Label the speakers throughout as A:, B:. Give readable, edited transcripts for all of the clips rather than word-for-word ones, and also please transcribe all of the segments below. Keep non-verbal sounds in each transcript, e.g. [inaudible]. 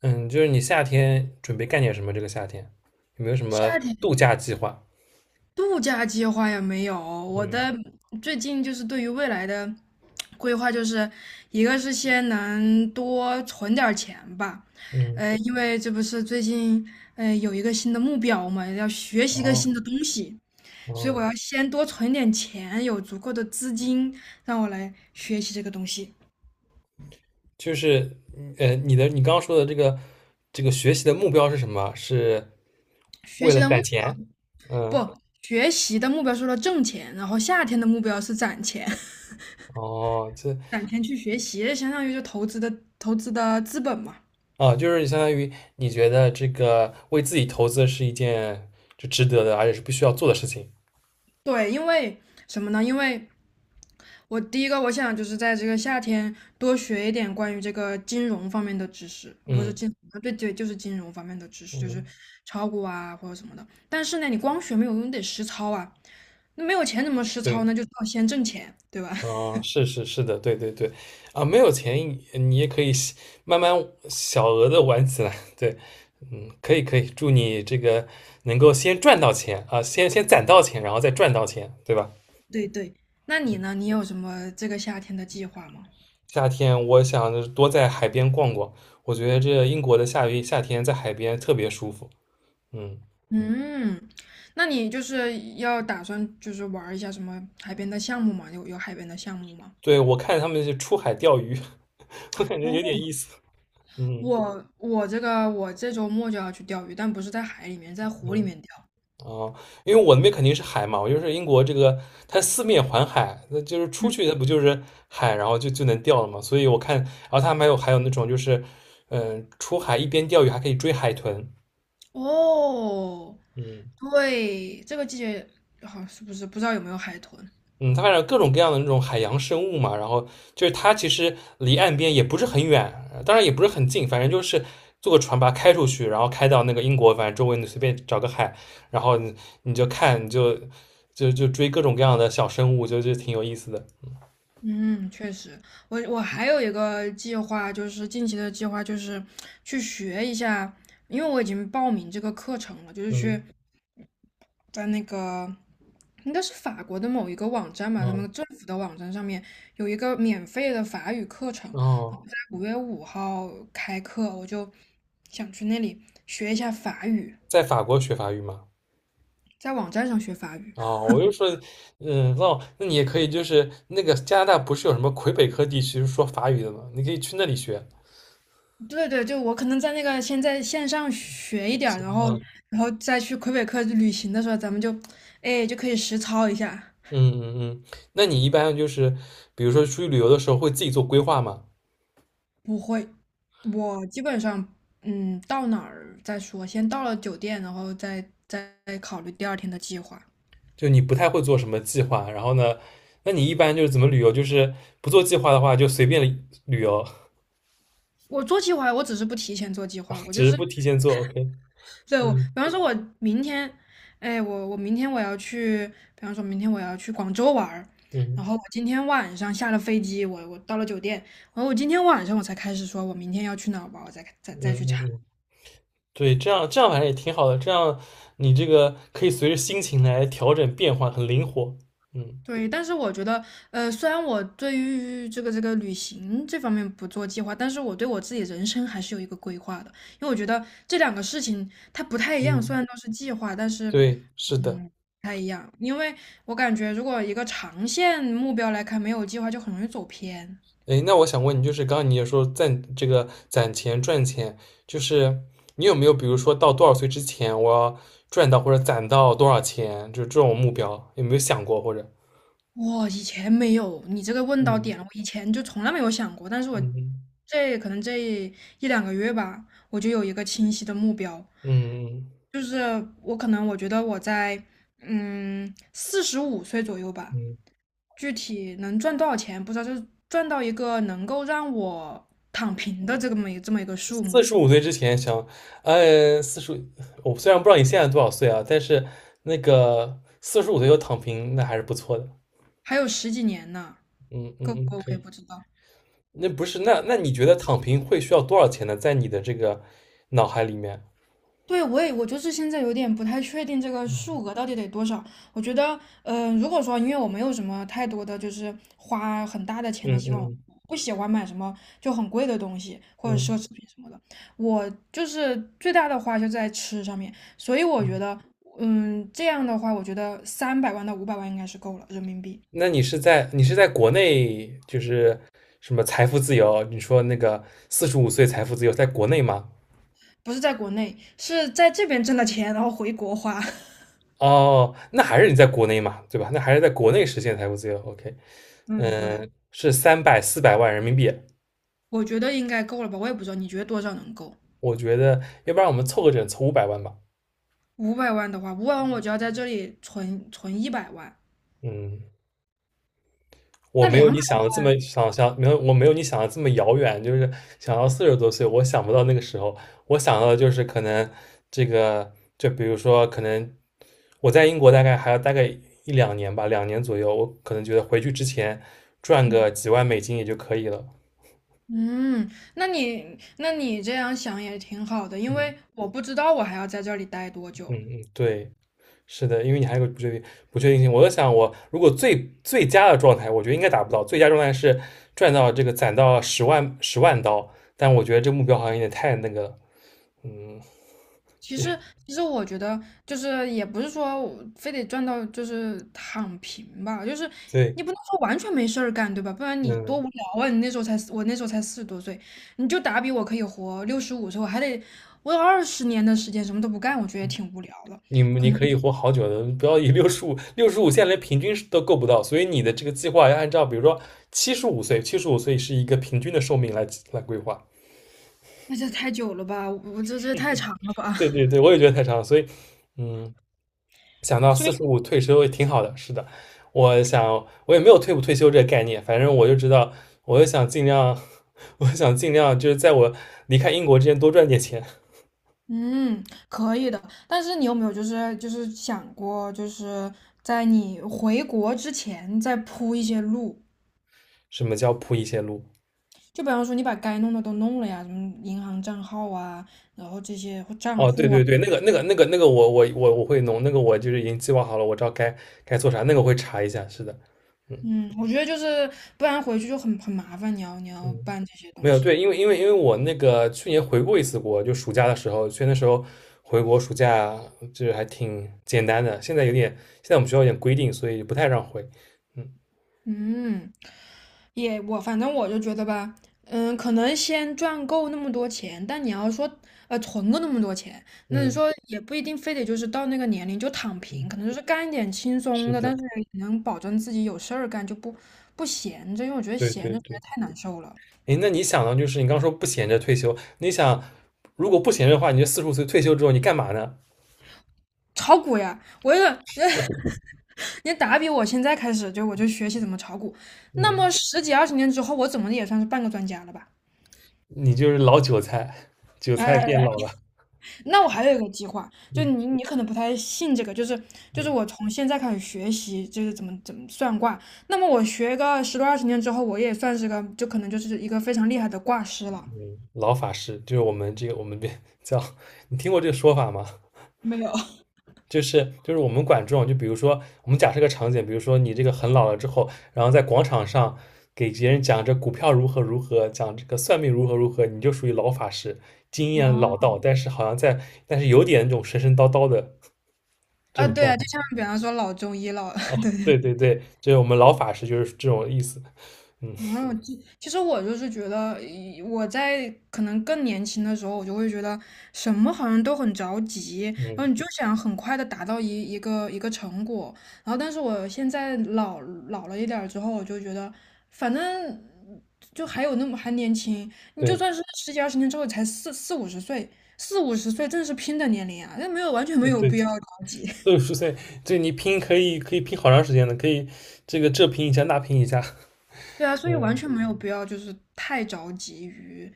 A: 嗯，就是你夏天准备干点什么？这个夏天有没有什么
B: 夏
A: 度
B: 天
A: 假计划？
B: 度假计划也没有，我
A: 嗯
B: 的最近就是对于未来的规划，就是一个是先能多存点儿钱吧，
A: 嗯，
B: 因为这不是最近有一个新的目标嘛，要学习一个
A: 哦
B: 新的东西，所以我
A: 哦，
B: 要先多存点钱，有足够的资金让我来学习这个东西。
A: 就是你刚刚说的这个学习的目标是什么？是
B: 学
A: 为
B: 习
A: 了
B: 的目，
A: 攒钱？嗯，
B: 不，学习的目标是为了挣钱，然后夏天的目标是攒钱。
A: 哦，这
B: 攒钱去学习，相当于就投资的资本嘛。
A: 啊，就是相当于你觉得这个为自己投资是一件就值得的，而且是必须要做的事情。
B: 对，因为什么呢？因为我第一个我想就是在这个夏天多学一点关于这个金融方面的知识，不是
A: 嗯
B: 金，对对，就是金融方面的知识，就是
A: 嗯，
B: 炒股啊或者什么的。但是呢，你光学没有用，你得实操啊。那没有钱怎么实操
A: 对。
B: 呢？就是要先挣钱，对吧？[laughs]
A: 哦，是是是的，对对对，啊，没有钱你也可以小慢慢小额的玩起来，对，嗯，可以可以，祝你这个能够先赚到钱啊，先攒到钱，然后再赚到钱，对吧？
B: 对对。那你呢？你有什么这个夏天的计划吗？
A: 夏天我想就是多在海边逛逛，我觉得这英国的夏天在海边特别舒服，嗯，
B: 嗯，那你就是要打算就是玩儿一下什么海边的项目吗？有海边的项目吗？
A: 对，我看他们是出海钓鱼，[laughs] 我感觉有点
B: 哦，
A: 意思，嗯
B: 我这周末就要去钓鱼，但不是在海里面，在湖里
A: 嗯
B: 面钓。
A: 哦，因为我那边肯定是海嘛，我就是英国这个，它四面环海，那就是出
B: 嗯，
A: 去它不就是海，然后就能钓了嘛。所以我看，然后它还有那种就是，嗯、出海一边钓鱼还可以追海豚，
B: 哦，
A: 嗯
B: 对，这个季节好是不是不知道有没有海豚？
A: 嗯，它反正各种各样的那种海洋生物嘛。然后就是它其实离岸边也不是很远，当然也不是很近，反正就是坐个船把它开出去，然后开到那个英国，反正周围你随便找个海，然后你就看，你就追各种各样的小生物，就挺有意思的，
B: 嗯，确实，我还有一个计划，就是近期的计划，就是去学一下，因为我已经报名这个课程了，就是去
A: 嗯
B: 在那个应该是法国的某一个网站吧，他
A: 嗯，
B: 们政府的网站上面有一个免费的法语课程，然后
A: 哦，
B: 在5月5号开课，我就想去那里学一下法语，
A: 在法国学法语嘛？
B: 在网站上学法语。
A: 啊，我就说，嗯，哦，那你也可以，就是那个加拿大不是有什么魁北克地区是说法语的吗？你可以去那里学。
B: [laughs] 对对，就我可能在那个先在线上学一点儿
A: 是
B: 然后
A: 啊，
B: 然后再去魁北克旅行的时候，咱们就哎就可以实操一下。
A: 嗯嗯嗯，那你一般就是，比如说出去旅游的时候会自己做规划吗？
B: 不会，我基本上，到哪儿再说，先到了酒店，然后再考虑第二天的计划。
A: 就你不太会做什么计划，然后呢，那你一般就是怎么旅游？就是不做计划的话，就随便旅游，
B: 我做计划，我只是不提前做计划，
A: [laughs]
B: 我
A: 只
B: 就
A: 是
B: 是，
A: 不提前做。OK，
B: 对，我，比
A: 嗯
B: 方说，我明天，哎，我明天我要去，比方说明天我要去广州玩儿，然
A: 嗯
B: 后我今天晚上下了飞机，我到了酒店，然后我今天晚上我才开始说，我明天要去哪儿玩儿我再再
A: 嗯
B: 再去
A: 嗯
B: 查。
A: 嗯。嗯对，这样反正也挺好的，这样你这个可以随着心情来调整变换，很灵活。嗯
B: 对，但是我觉得，虽然我对于这个旅行这方面不做计划，但是我对我自己人生还是有一个规划的，因为我觉得这两个事情它不太一样，虽
A: 嗯，
B: 然都是计划，但是，
A: 对，是的。
B: 嗯，不太一样，因为我感觉如果一个长线目标来看，没有计划就很容易走偏。
A: 哎，那我想问你，就是刚刚你也说攒这个攒钱赚钱，就是你有没有比如说到多少岁之前，我要赚到或者攒到多少钱，就是这种目标，有没有想过或者？
B: 我以前没有，你这个问到
A: 嗯
B: 点了，我以前就从来没有想过，但是我
A: 嗯
B: 这可能这一两个月吧，我就有一个清晰的目标，
A: 嗯嗯
B: 就是我可能我觉得我在四十五岁左右吧，
A: 嗯。
B: 具体能赚多少钱不知道，就是赚到一个能够让我躺平的这么一个数
A: 四
B: 目，
A: 十五岁之前想，呃，四十，我虽然不知道你现在多少岁啊，但是那个四十五岁就躺平，那还是不错的。
B: 还有十几年呢，
A: 嗯
B: 够不
A: 嗯，
B: 够我
A: 可
B: 也
A: 以。
B: 不知道。
A: 那不是，那那你觉得躺平会需要多少钱呢？在你的这个脑海里面？
B: 对，我就是现在有点不太确定这个
A: 嗯
B: 数额到底得多少。我觉得，如果说因为我没有什么太多的就是花很大的钱的
A: 嗯
B: 习惯，
A: 嗯
B: 不喜欢买什么就很贵的东西或者奢
A: 嗯。
B: 侈品什么的，我就是最大的花就在吃上面。所以我觉
A: 嗯
B: 得，这样的话，我觉得300万到五百万应该是够了人民币，
A: 那你是在国内就是什么财富自由？你说那个四十五岁财富自由，在国内吗？
B: 不是在国内，是在这边挣的钱然后回国花。[laughs]
A: 哦，那还是你在国内嘛，对吧？那还是在国内实现财富自由。OK，
B: 嗯，对，
A: 嗯，是300到400万人民币，
B: 我觉得应该够了吧？我也不知道，你觉得多少能够？
A: 我觉得，要不然我们凑个整，凑500万吧。
B: 五百万的话，五百万我就要在这里存100万，
A: 嗯，我
B: 那
A: 没有
B: 两
A: 你
B: 百，
A: 想的这么没有你想的这么遥远，就是想到40多岁，我想不到那个时候，我想到的就是可能这个，就比如说可能我在英国大概还要大概一两年吧，两年左右，我可能觉得回去之前赚
B: 嗯
A: 个几万美金也就可以了。
B: 嗯，那你这样想也挺好的，因为
A: 嗯
B: 我不知道我还要在这里待多
A: 嗯
B: 久。
A: 嗯，对。是的，因为你还有个不确定性。我在想，我如果最佳的状态，我觉得应该达不到。最佳状态是赚到这个攒到10万刀，但我觉得这目标好像有点太那个了。嗯，[laughs]
B: 其
A: 也
B: 实其实我觉得就是也不是说我非得赚到就是躺平吧，就是
A: 对，
B: 你不能说完全没事儿干，对吧？不然你多
A: 嗯，
B: 无聊啊！你那时候才我那时候才40多岁，你就打比我可以活65岁，我还得我有二十年的时间什么都不干，我觉得也挺无聊了，可
A: 你
B: 能。
A: 可以活好久的，不要以六十五现在连平均都够不到，所以你的这个计划要按照比如说七十五岁是一个平均的寿命来来规划。
B: 那这太久了吧？我这太长了吧？
A: 对对
B: [laughs]
A: 对，我也觉得太长了，所以嗯，想到
B: 所
A: 四
B: 以
A: 十五退休也挺好的，是的，我想我也没有退不退休这个概念，反正我就知道，我就想尽量，[laughs] 我想尽量就是在我离开英国之前多赚点钱。
B: 嗯，可以的。但是你有没有就是想过，就是在你回国之前再铺一些路？
A: 什么叫铺一些路？
B: 就比方说你把该弄的都弄了呀，什么银行账号啊，然后这些或账
A: 哦，对
B: 户啊，
A: 对对，那个我会弄，那个我就是已经计划好了，我知道该该做啥，那个会查一下，是的，嗯。
B: 嗯，我觉得就是不然回去就很麻烦，你要
A: 嗯，
B: 办这些
A: 没
B: 东
A: 有，对，
B: 西。
A: 因为我那个去年回过一次国，就暑假的时候，去那时候回国暑假就是还挺简单的，现在有点，现在我们学校有点规定，所以不太让回。嗯
B: 嗯，也我反正就觉得吧，可能先赚够那么多钱，但你要说存够那么多钱，那你
A: 嗯
B: 说也不一定非得就是到那个年龄就躺
A: 嗯，
B: 平，可能就是干一点轻松
A: 是
B: 的，
A: 的，
B: 但是也能保证自己有事儿干，就不闲着，因为我觉得
A: 对
B: 闲
A: 对
B: 着实在
A: 对。
B: 太难受了。
A: 诶，那你想呢？就是你刚说不闲着退休，你想如果不闲着的话，你就四十五岁退休之后你干嘛呢？
B: 炒股呀，我也 [laughs] 你打比我现在开始我就学习怎么炒股，那
A: 嗯，
B: 么十几二十年之后，我怎么也算是半个专家了吧？
A: 你就是老韭菜，[laughs] 韭菜变
B: 哎。
A: 老了。
B: 那我还有一个计划，就你
A: 嗯
B: 你可能不太信这个，就是
A: 嗯
B: 我从现在开始学习，就是怎么算卦。那么我学个十多二十年之后，我也算是个，就可能就是一个非常厉害的卦师了。
A: 嗯，老法师就是我们这叫，[laughs] 你听过这个说法吗？
B: 没有，
A: 就是我们管这种，就比如说我们假设个场景，比如说你这个很老了之后，然后在广场上给别人讲这股票如何如何，讲这个算命如何如何，你就属于老法师，经验老
B: 哦，
A: 道，但是好像在但是有点那种神神叨叨的这
B: 啊，
A: 种
B: 对
A: 状
B: 啊，
A: 态。
B: 就像比方说老中医老，[laughs] 对，
A: 对对对，就是我们老法师就是这种意思。嗯
B: 嗯，其实我就是觉得，我在可能更年轻的时候，我就会觉得什么好像都很着急，然后
A: 嗯，
B: 你就想很快的达到一个成果。然后，但是我现在老了一点儿之后，我就觉得，反正就还有那么还年轻，你就
A: 对
B: 算是十几二十年之后才四五十岁，四五十岁正是拼的年龄啊，那没有完全没
A: 嗯
B: 有
A: 对，
B: 必要着急。
A: 60岁，这你拼可以可以拼好长时间的，可以这个这拼一下那拼一下。
B: 对啊，
A: [laughs]
B: 所以完
A: 嗯
B: 全没有必要就是太着急于，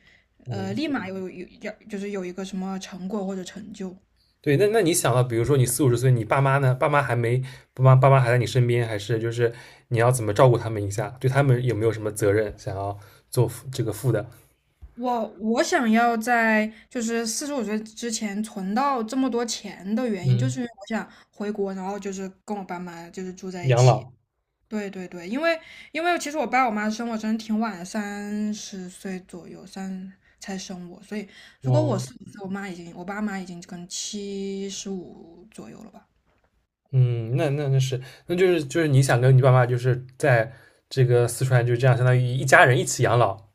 A: 嗯。
B: 立马有有要就是有一个什么成果或者成就。
A: 对，那那你想到，比如说你45岁，你爸妈呢？爸妈还没，爸妈还在你身边，还是就是你要怎么照顾他们一下？对他们有没有什么责任想要做负这个负的？
B: 我想要在就是四十五岁之前存到这么多钱的原因，就是
A: 嗯，
B: 因为我想回国，然后就是跟我爸妈就是住在一
A: 养
B: 起。
A: 老，
B: 对对对，因为其实我爸我妈生我真的挺晚的，30岁左右才生我，所以如果我
A: 哦，
B: 40岁，我爸妈已经跟75左右了吧。
A: 嗯，那那是，那就是就是你想跟你爸妈就是在这个四川就这样，相当于一家人一起养老。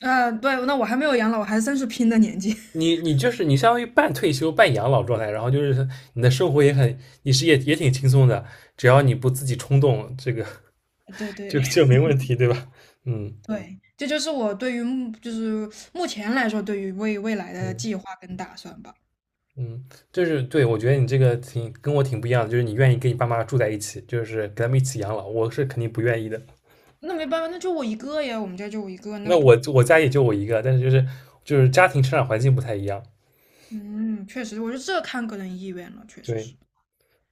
B: 对，那我还没有养老，我还算是拼的年纪。[laughs]
A: 你你就是你相当于半退休半养老状态，然后就是你的生活也很，你是也挺轻松的，只要你不自己冲动，这个
B: 对
A: [laughs]
B: 对
A: 就
B: 嗯
A: 没问题，对吧？嗯
B: 对，这就是我对于目就是目前来说对于未来的
A: 嗯。
B: 计划跟打算吧。
A: 嗯，就是对，我觉得你这个挺跟我挺不一样的，就是你愿意跟你爸妈住在一起，就是跟他们一起养老，我是肯定不愿意的。
B: 那没办法，那就我一个呀，我们家就我一个，那
A: 那
B: 不，
A: 我家也就我一个，但是就是家庭成长环境不太一样。
B: 嗯，确实，我觉得这看个人意愿了，确实
A: 对，
B: 是。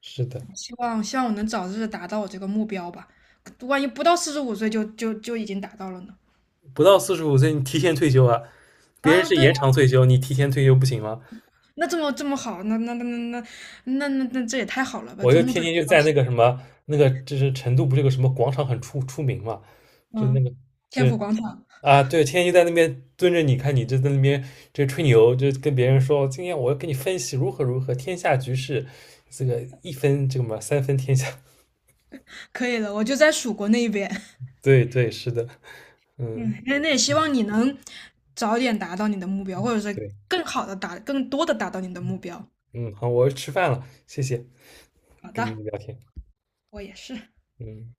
A: 是的，
B: 哎希望我能早日达到我这个目标吧，万一不到四十五岁就已经达到了呢？
A: 不到四十五岁你提前退休啊，别人
B: 啊，
A: 是
B: 对
A: 延
B: 啊
A: 长退休，你提前退休不行吗？
B: 那这么好，那这也太好了吧，
A: 我
B: 做
A: 就
B: 梦
A: 天
B: 都想
A: 天就
B: 到
A: 在那个什么那个，就是成都不是有个什么广场很出名嘛，就那
B: 嗯，
A: 个。就
B: 天府广场。
A: 啊，对，天天就在那边蹲着你，看你就在那边就吹牛，就跟别人说，今天我要跟你分析如何如何，天下局势，这个一分这个嘛，三分天下。
B: 可以的，我就在蜀国那一边。[laughs]
A: [laughs] 对对，是的，嗯，
B: 嗯，那也希望你能早点达到你的目标，或者是
A: 对，
B: 更多的达到你的目标。
A: 嗯，好，我要吃饭了，谢谢，
B: 好
A: 跟你
B: 的，
A: 聊天，
B: 我也是。
A: 嗯。